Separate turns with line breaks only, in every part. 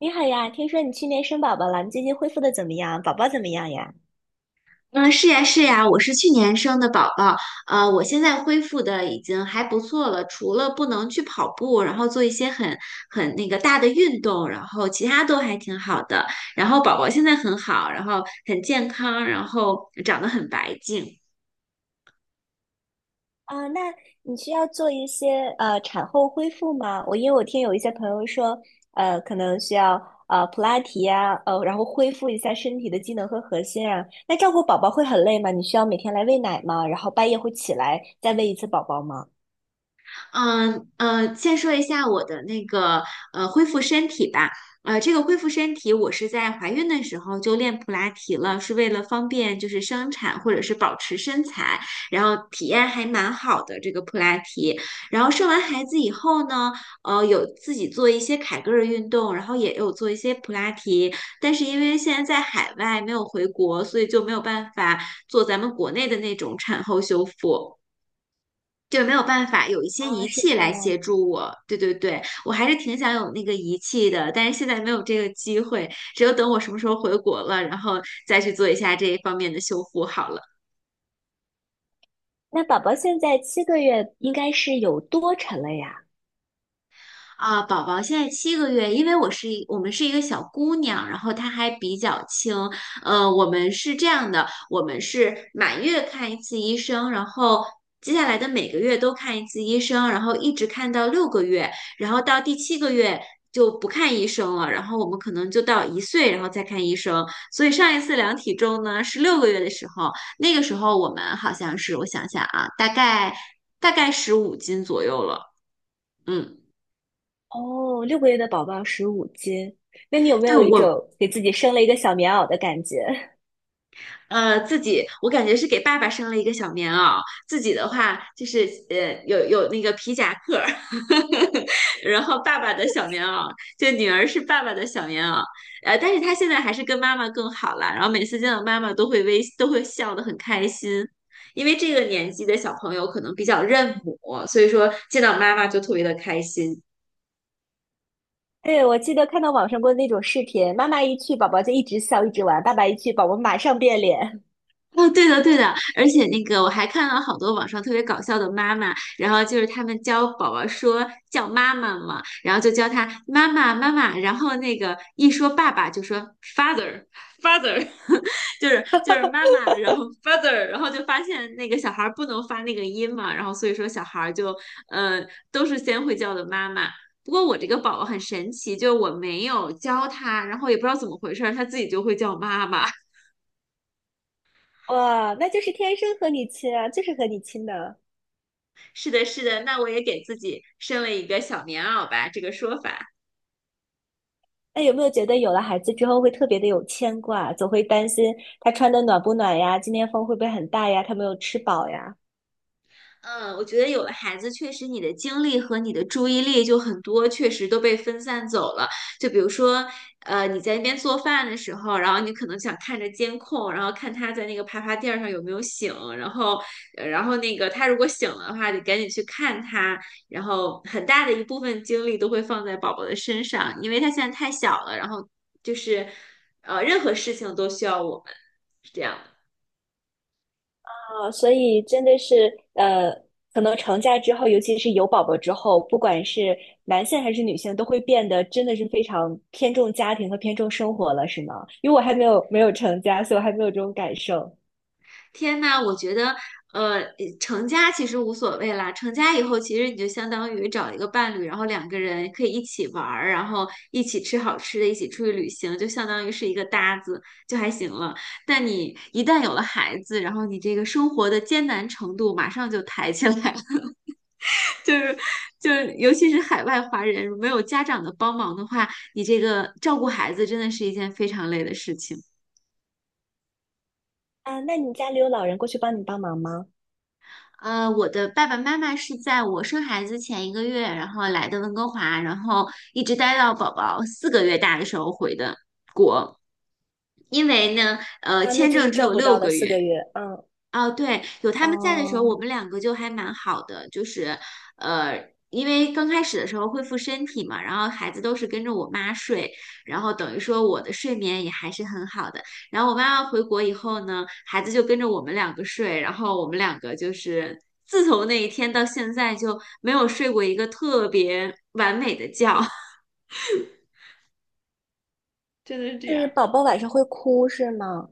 你好呀，听说你去年生宝宝了，你最近恢复的怎么样？宝宝怎么样呀？
嗯，是呀，是呀，我是去年生的宝宝，我现在恢复的已经还不错了，除了不能去跑步，然后做一些很那个大的运动，然后其他都还挺好的。然后宝宝现在很好，然后很健康，然后长得很白净。
啊，那你需要做一些产后恢复吗？因为我听有一些朋友说，可能需要普拉提呀，然后恢复一下身体的机能和核心啊。那照顾宝宝会很累吗？你需要每天来喂奶吗？然后半夜会起来再喂一次宝宝吗？
先说一下我的那个恢复身体吧。这个恢复身体，我是在怀孕的时候就练普拉提了，是为了方便就是生产或者是保持身材，然后体验还蛮好的这个普拉提。然后生完孩子以后呢，有自己做一些凯格尔运动，然后也有做一些普拉提，但是因为现在在海外没有回国，所以就没有办法做咱们国内的那种产后修复。就没有办法，有一些
啊，
仪
是
器
这
来协
样。
助我。对对对，我还是挺想有那个仪器的，但是现在没有这个机会，只有等我什么时候回国了，然后再去做一下这一方面的修复好了。
那宝宝现在7个月，应该是有多沉了呀？
啊，宝宝现在七个月，因为我们是一个小姑娘，然后她还比较轻。我们是这样的，我们是满月看一次医生，然后接下来的每个月都看一次医生，然后一直看到六个月，然后到第7个月就不看医生了，然后我们可能就到一岁，然后再看医生。所以上一次量体重呢是六个月的时候，那个时候我们好像是，我想想啊，大概15斤左右了。嗯，
哦，6个月的宝宝15斤，那你有没
对，
有一
我
种给自己生了一个小棉袄的感觉？
自己我感觉是给爸爸生了一个小棉袄，自己的话就是有那个皮夹克儿，然后爸爸的小棉袄，就女儿是爸爸的小棉袄，但是她现在还是跟妈妈更好了，然后每次见到妈妈都会微都会笑得很开心，因为这个年纪的小朋友可能比较认母，所以说见到妈妈就特别的开心。
对，我记得看到网上过那种视频，妈妈一去，宝宝就一直笑一直玩；爸爸一去，宝宝马上变脸。
哦，对的，对的，而且那个我还看到好多网上特别搞笑的妈妈，然后就是他们教宝宝说叫妈妈嘛，然后就教他妈妈妈妈，然后那个一说爸爸就说 father father，就是妈妈，然后 father，然后就发现那个小孩儿不能发那个音嘛，然后所以说小孩儿就呃都是先会叫的妈妈。不过我这个宝宝很神奇，就是我没有教他，然后也不知道怎么回事儿，他自己就会叫妈妈。
哇，那就是天生和你亲啊，就是和你亲的。
是的，是的，那我也给自己生了一个小棉袄吧，这个说法。
那有没有觉得有了孩子之后会特别的有牵挂，总会担心他穿的暖不暖呀，今天风会不会很大呀，他没有吃饱呀？
嗯，我觉得有了孩子，确实你的精力和你的注意力就很多，确实都被分散走了。就比如说，你在那边做饭的时候，然后你可能想看着监控，然后看他在那个爬爬垫儿上有没有醒，然后，然后那个他如果醒了的话，得赶紧去看他。然后很大的一部分精力都会放在宝宝的身上，因为他现在太小了，然后就是，任何事情都需要我们，是这样的。
所以真的是可能成家之后，尤其是有宝宝之后，不管是男性还是女性，都会变得真的是非常偏重家庭和偏重生活了，是吗？因为我还没有成家，所以我还没有这种感受
天呐，我觉得，呃，成家其实无所谓啦。成家以后，其实你就相当于找一个伴侣，然后两个人可以一起玩儿，然后一起吃好吃的，一起出去旅行，就相当于是一个搭子，就还行了。但你一旦有了孩子，然后你这个生活的艰难程度马上就抬起来了，就是就是，尤其是海外华人，没有家长的帮忙的话，你这个照顾孩子真的是一件非常累的事情。
啊。那你家里有老人过去帮你帮忙吗？
我的爸爸妈妈是在我生孩子前1个月，然后来的温哥华，然后一直待到宝宝4个月大的时候回的。因为呢，
啊，那
签
就是
证只
照
有
顾
六
到了
个
四
月，
个月，嗯，
哦，对，有他们在的时候，我
哦，
们两个就还蛮好的，就是，呃，因为刚开始的时候恢复身体嘛，然后孩子都是跟着我妈睡，然后等于说我的睡眠也还是很好的。然后我妈妈回国以后呢，孩子就跟着我们两个睡，然后我们两个就是自从那一天到现在就没有睡过一个特别完美的觉。真的是这
是
样。
宝宝晚上会哭是吗？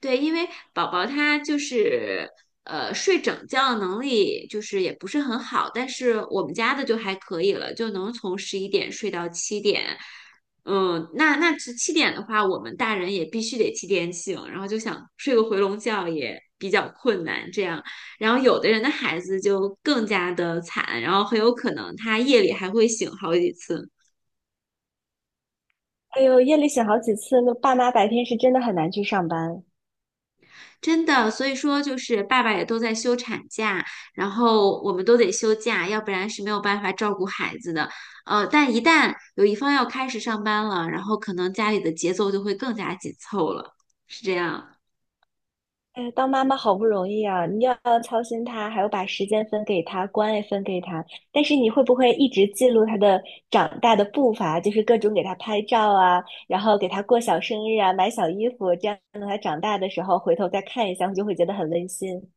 对，因为宝宝他就是睡整觉的能力就是也不是很好，但是我们家的就还可以了，就能从11点睡到七点。嗯，那那是七点的话，我们大人也必须得七点醒，然后就想睡个回笼觉也比较困难。这样，然后有的人的孩子就更加的惨，然后很有可能他夜里还会醒好几次。
哎呦，夜里醒好几次，那爸妈白天是真的很难去上班。
真的，所以说就是爸爸也都在休产假，然后我们都得休假，要不然是没有办法照顾孩子的。但一旦有一方要开始上班了，然后可能家里的节奏就会更加紧凑了，是这样。
哎，当妈妈好不容易啊，你要操心他，还要把时间分给他，关爱分给他。但是你会不会一直记录他的长大的步伐，就是各种给他拍照啊，然后给他过小生日啊，买小衣服，这样等他长大的时候回头再看一下，你就会觉得很温馨。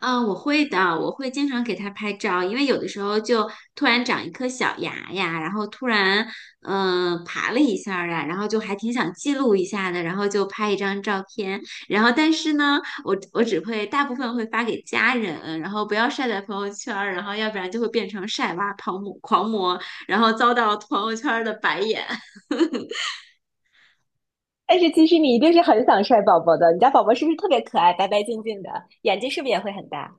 嗯，我会的，我会经常给它拍照，因为有的时候就突然长一颗小牙呀，然后突然爬了一下呀，然后就还挺想记录一下的，然后就拍一张照片，然后但是呢，我只会大部分会发给家人，然后不要晒在朋友圈儿，然后要不然就会变成晒娃狂魔，然后遭到朋友圈儿的白眼。
但是其实你一定是很想晒宝宝的，你家宝宝是不是特别可爱，白白净净的，眼睛是不是也会很大？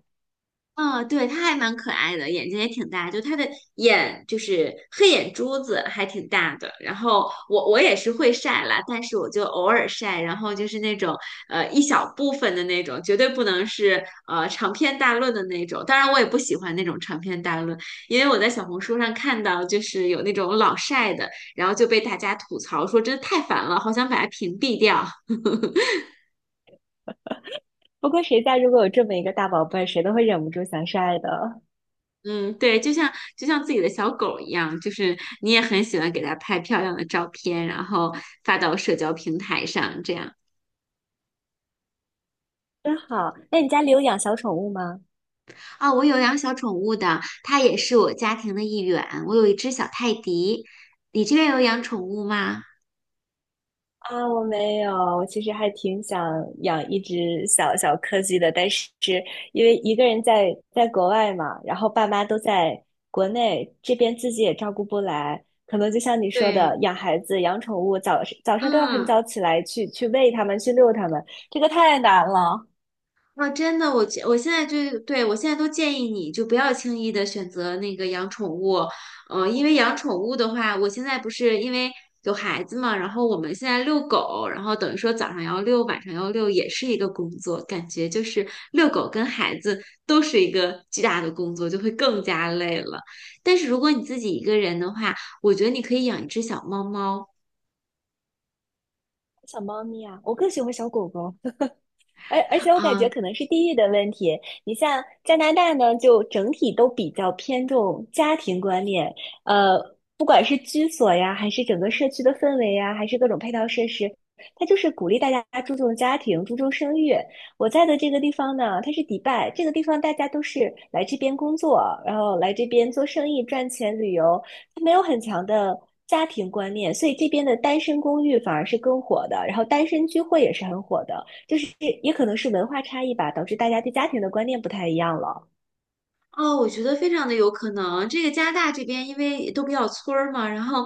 嗯，对，它还蛮可爱的，眼睛也挺大，就它的眼就是黑眼珠子还挺大的。然后我也是会晒啦，但是我就偶尔晒，然后就是那种一小部分的那种，绝对不能是长篇大论的那种。当然，我也不喜欢那种长篇大论，因为我在小红书上看到就是有那种老晒的，然后就被大家吐槽说真的太烦了，好想把它屏蔽掉。
不过谁家如果有这么一个大宝贝儿谁都会忍不住想晒的。
嗯，对，就像自己的小狗一样，就是你也很喜欢给它拍漂亮的照片，然后发到社交平台上，这样。
真好，那你家里有养小宠物吗？
啊，我有养小宠物的，它也是我家庭的一员。我有一只小泰迪，你这边有养宠物吗？
啊，我没有，我其实还挺想养一只小小柯基的，但是因为一个人在国外嘛，然后爸妈都在国内，这边自己也照顾不来，可能就像你说的，
对，
养孩子、养宠物，早上都要很
嗯。
早起来去喂它们、去遛它们，这个太难了。
啊，真的，我现在都建议你就不要轻易的选择那个养宠物，因为养宠物的话，我现在不是因为有孩子嘛，然后我们现在遛狗，然后等于说早上要遛，晚上要遛，也是一个工作，感觉就是遛狗跟孩子都是一个巨大的工作，就会更加累了。但是如果你自己一个人的话，我觉得你可以养一只小猫猫。
小猫咪啊，我更喜欢小狗狗。而且我感觉
啊，
可能是地域的问题。你像加拿大呢，就整体都比较偏重家庭观念，呃，不管是居所呀，还是整个社区的氛围呀，还是各种配套设施，它就是鼓励大家注重家庭、注重生育。我在的这个地方呢，它是迪拜，这个地方大家都是来这边工作，然后来这边做生意、赚钱、旅游，它没有很强的。家庭观念，所以这边的单身公寓反而是更火的，然后单身聚会也是很火的。就是也可能是文化差异吧，导致大家对家庭的观念不太一样了。
哦，我觉得非常的有可能。这个加拿大这边因为都比较村儿嘛，然后，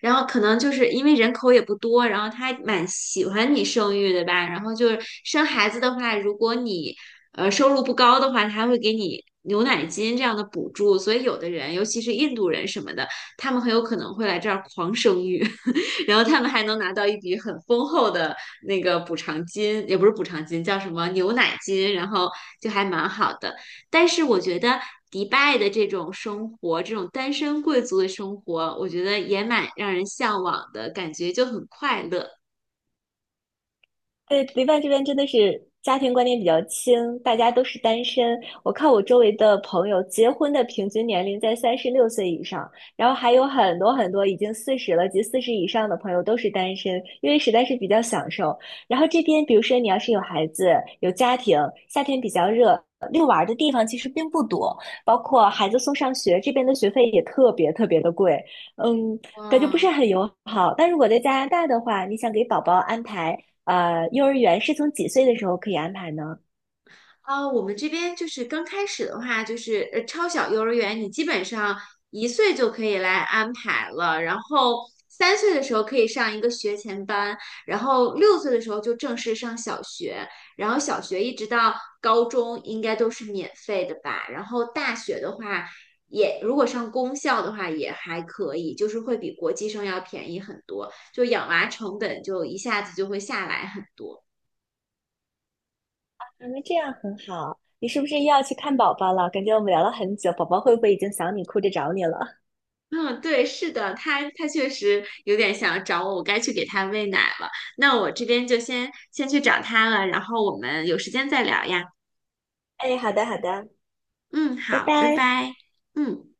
然后可能就是因为人口也不多，然后他还蛮喜欢你生育的吧。然后就是生孩子的话，如果你收入不高的话，他还会给你牛奶金这样的补助。所以有的人，尤其是印度人什么的，他们很有可能会来这儿狂生育，然后他们还能拿到一笔很丰厚的那个补偿金，也不是补偿金，叫什么牛奶金，然后就还蛮好的。但是我觉得迪拜的这种生活，这种单身贵族的生活，我觉得也蛮让人向往的，感觉就很快乐。
对，迪拜这边真的是家庭观念比较轻，大家都是单身。我看我周围的朋友，结婚的平均年龄在36岁以上，然后还有很多很多已经四十了及四十以上的朋友都是单身，因为实在是比较享受。然后这边，比如说你要是有孩子、有家庭，夏天比较热，遛娃儿的地方其实并不多，包括孩子送上学，这边的学费也特别特别的贵，嗯，感觉不是
哇，
很友好。但如果在加拿大的话，你想给宝宝安排。幼儿园是从几岁的时候可以安排呢？
啊，我们这边就是刚开始的话，就是超小幼儿园，你基本上一岁就可以来安排了，然后3岁的时候可以上一个学前班，然后6岁的时候就正式上小学，然后小学一直到高中应该都是免费的吧，然后大学的话也如果上公校的话也还可以，就是会比国际生要便宜很多，就养娃成本就一下子就会下来很多。
啊，那这样很好。你是不是又要去看宝宝了？感觉我们聊了很久，宝宝会不会已经想你，哭着找你了？
嗯，对，是的，他确实有点想找我，我该去给他喂奶了。那我这边就先去找他了，然后我们有时间再聊呀。
哎，好的，好的，
嗯，
拜
好，拜
拜。
拜。嗯。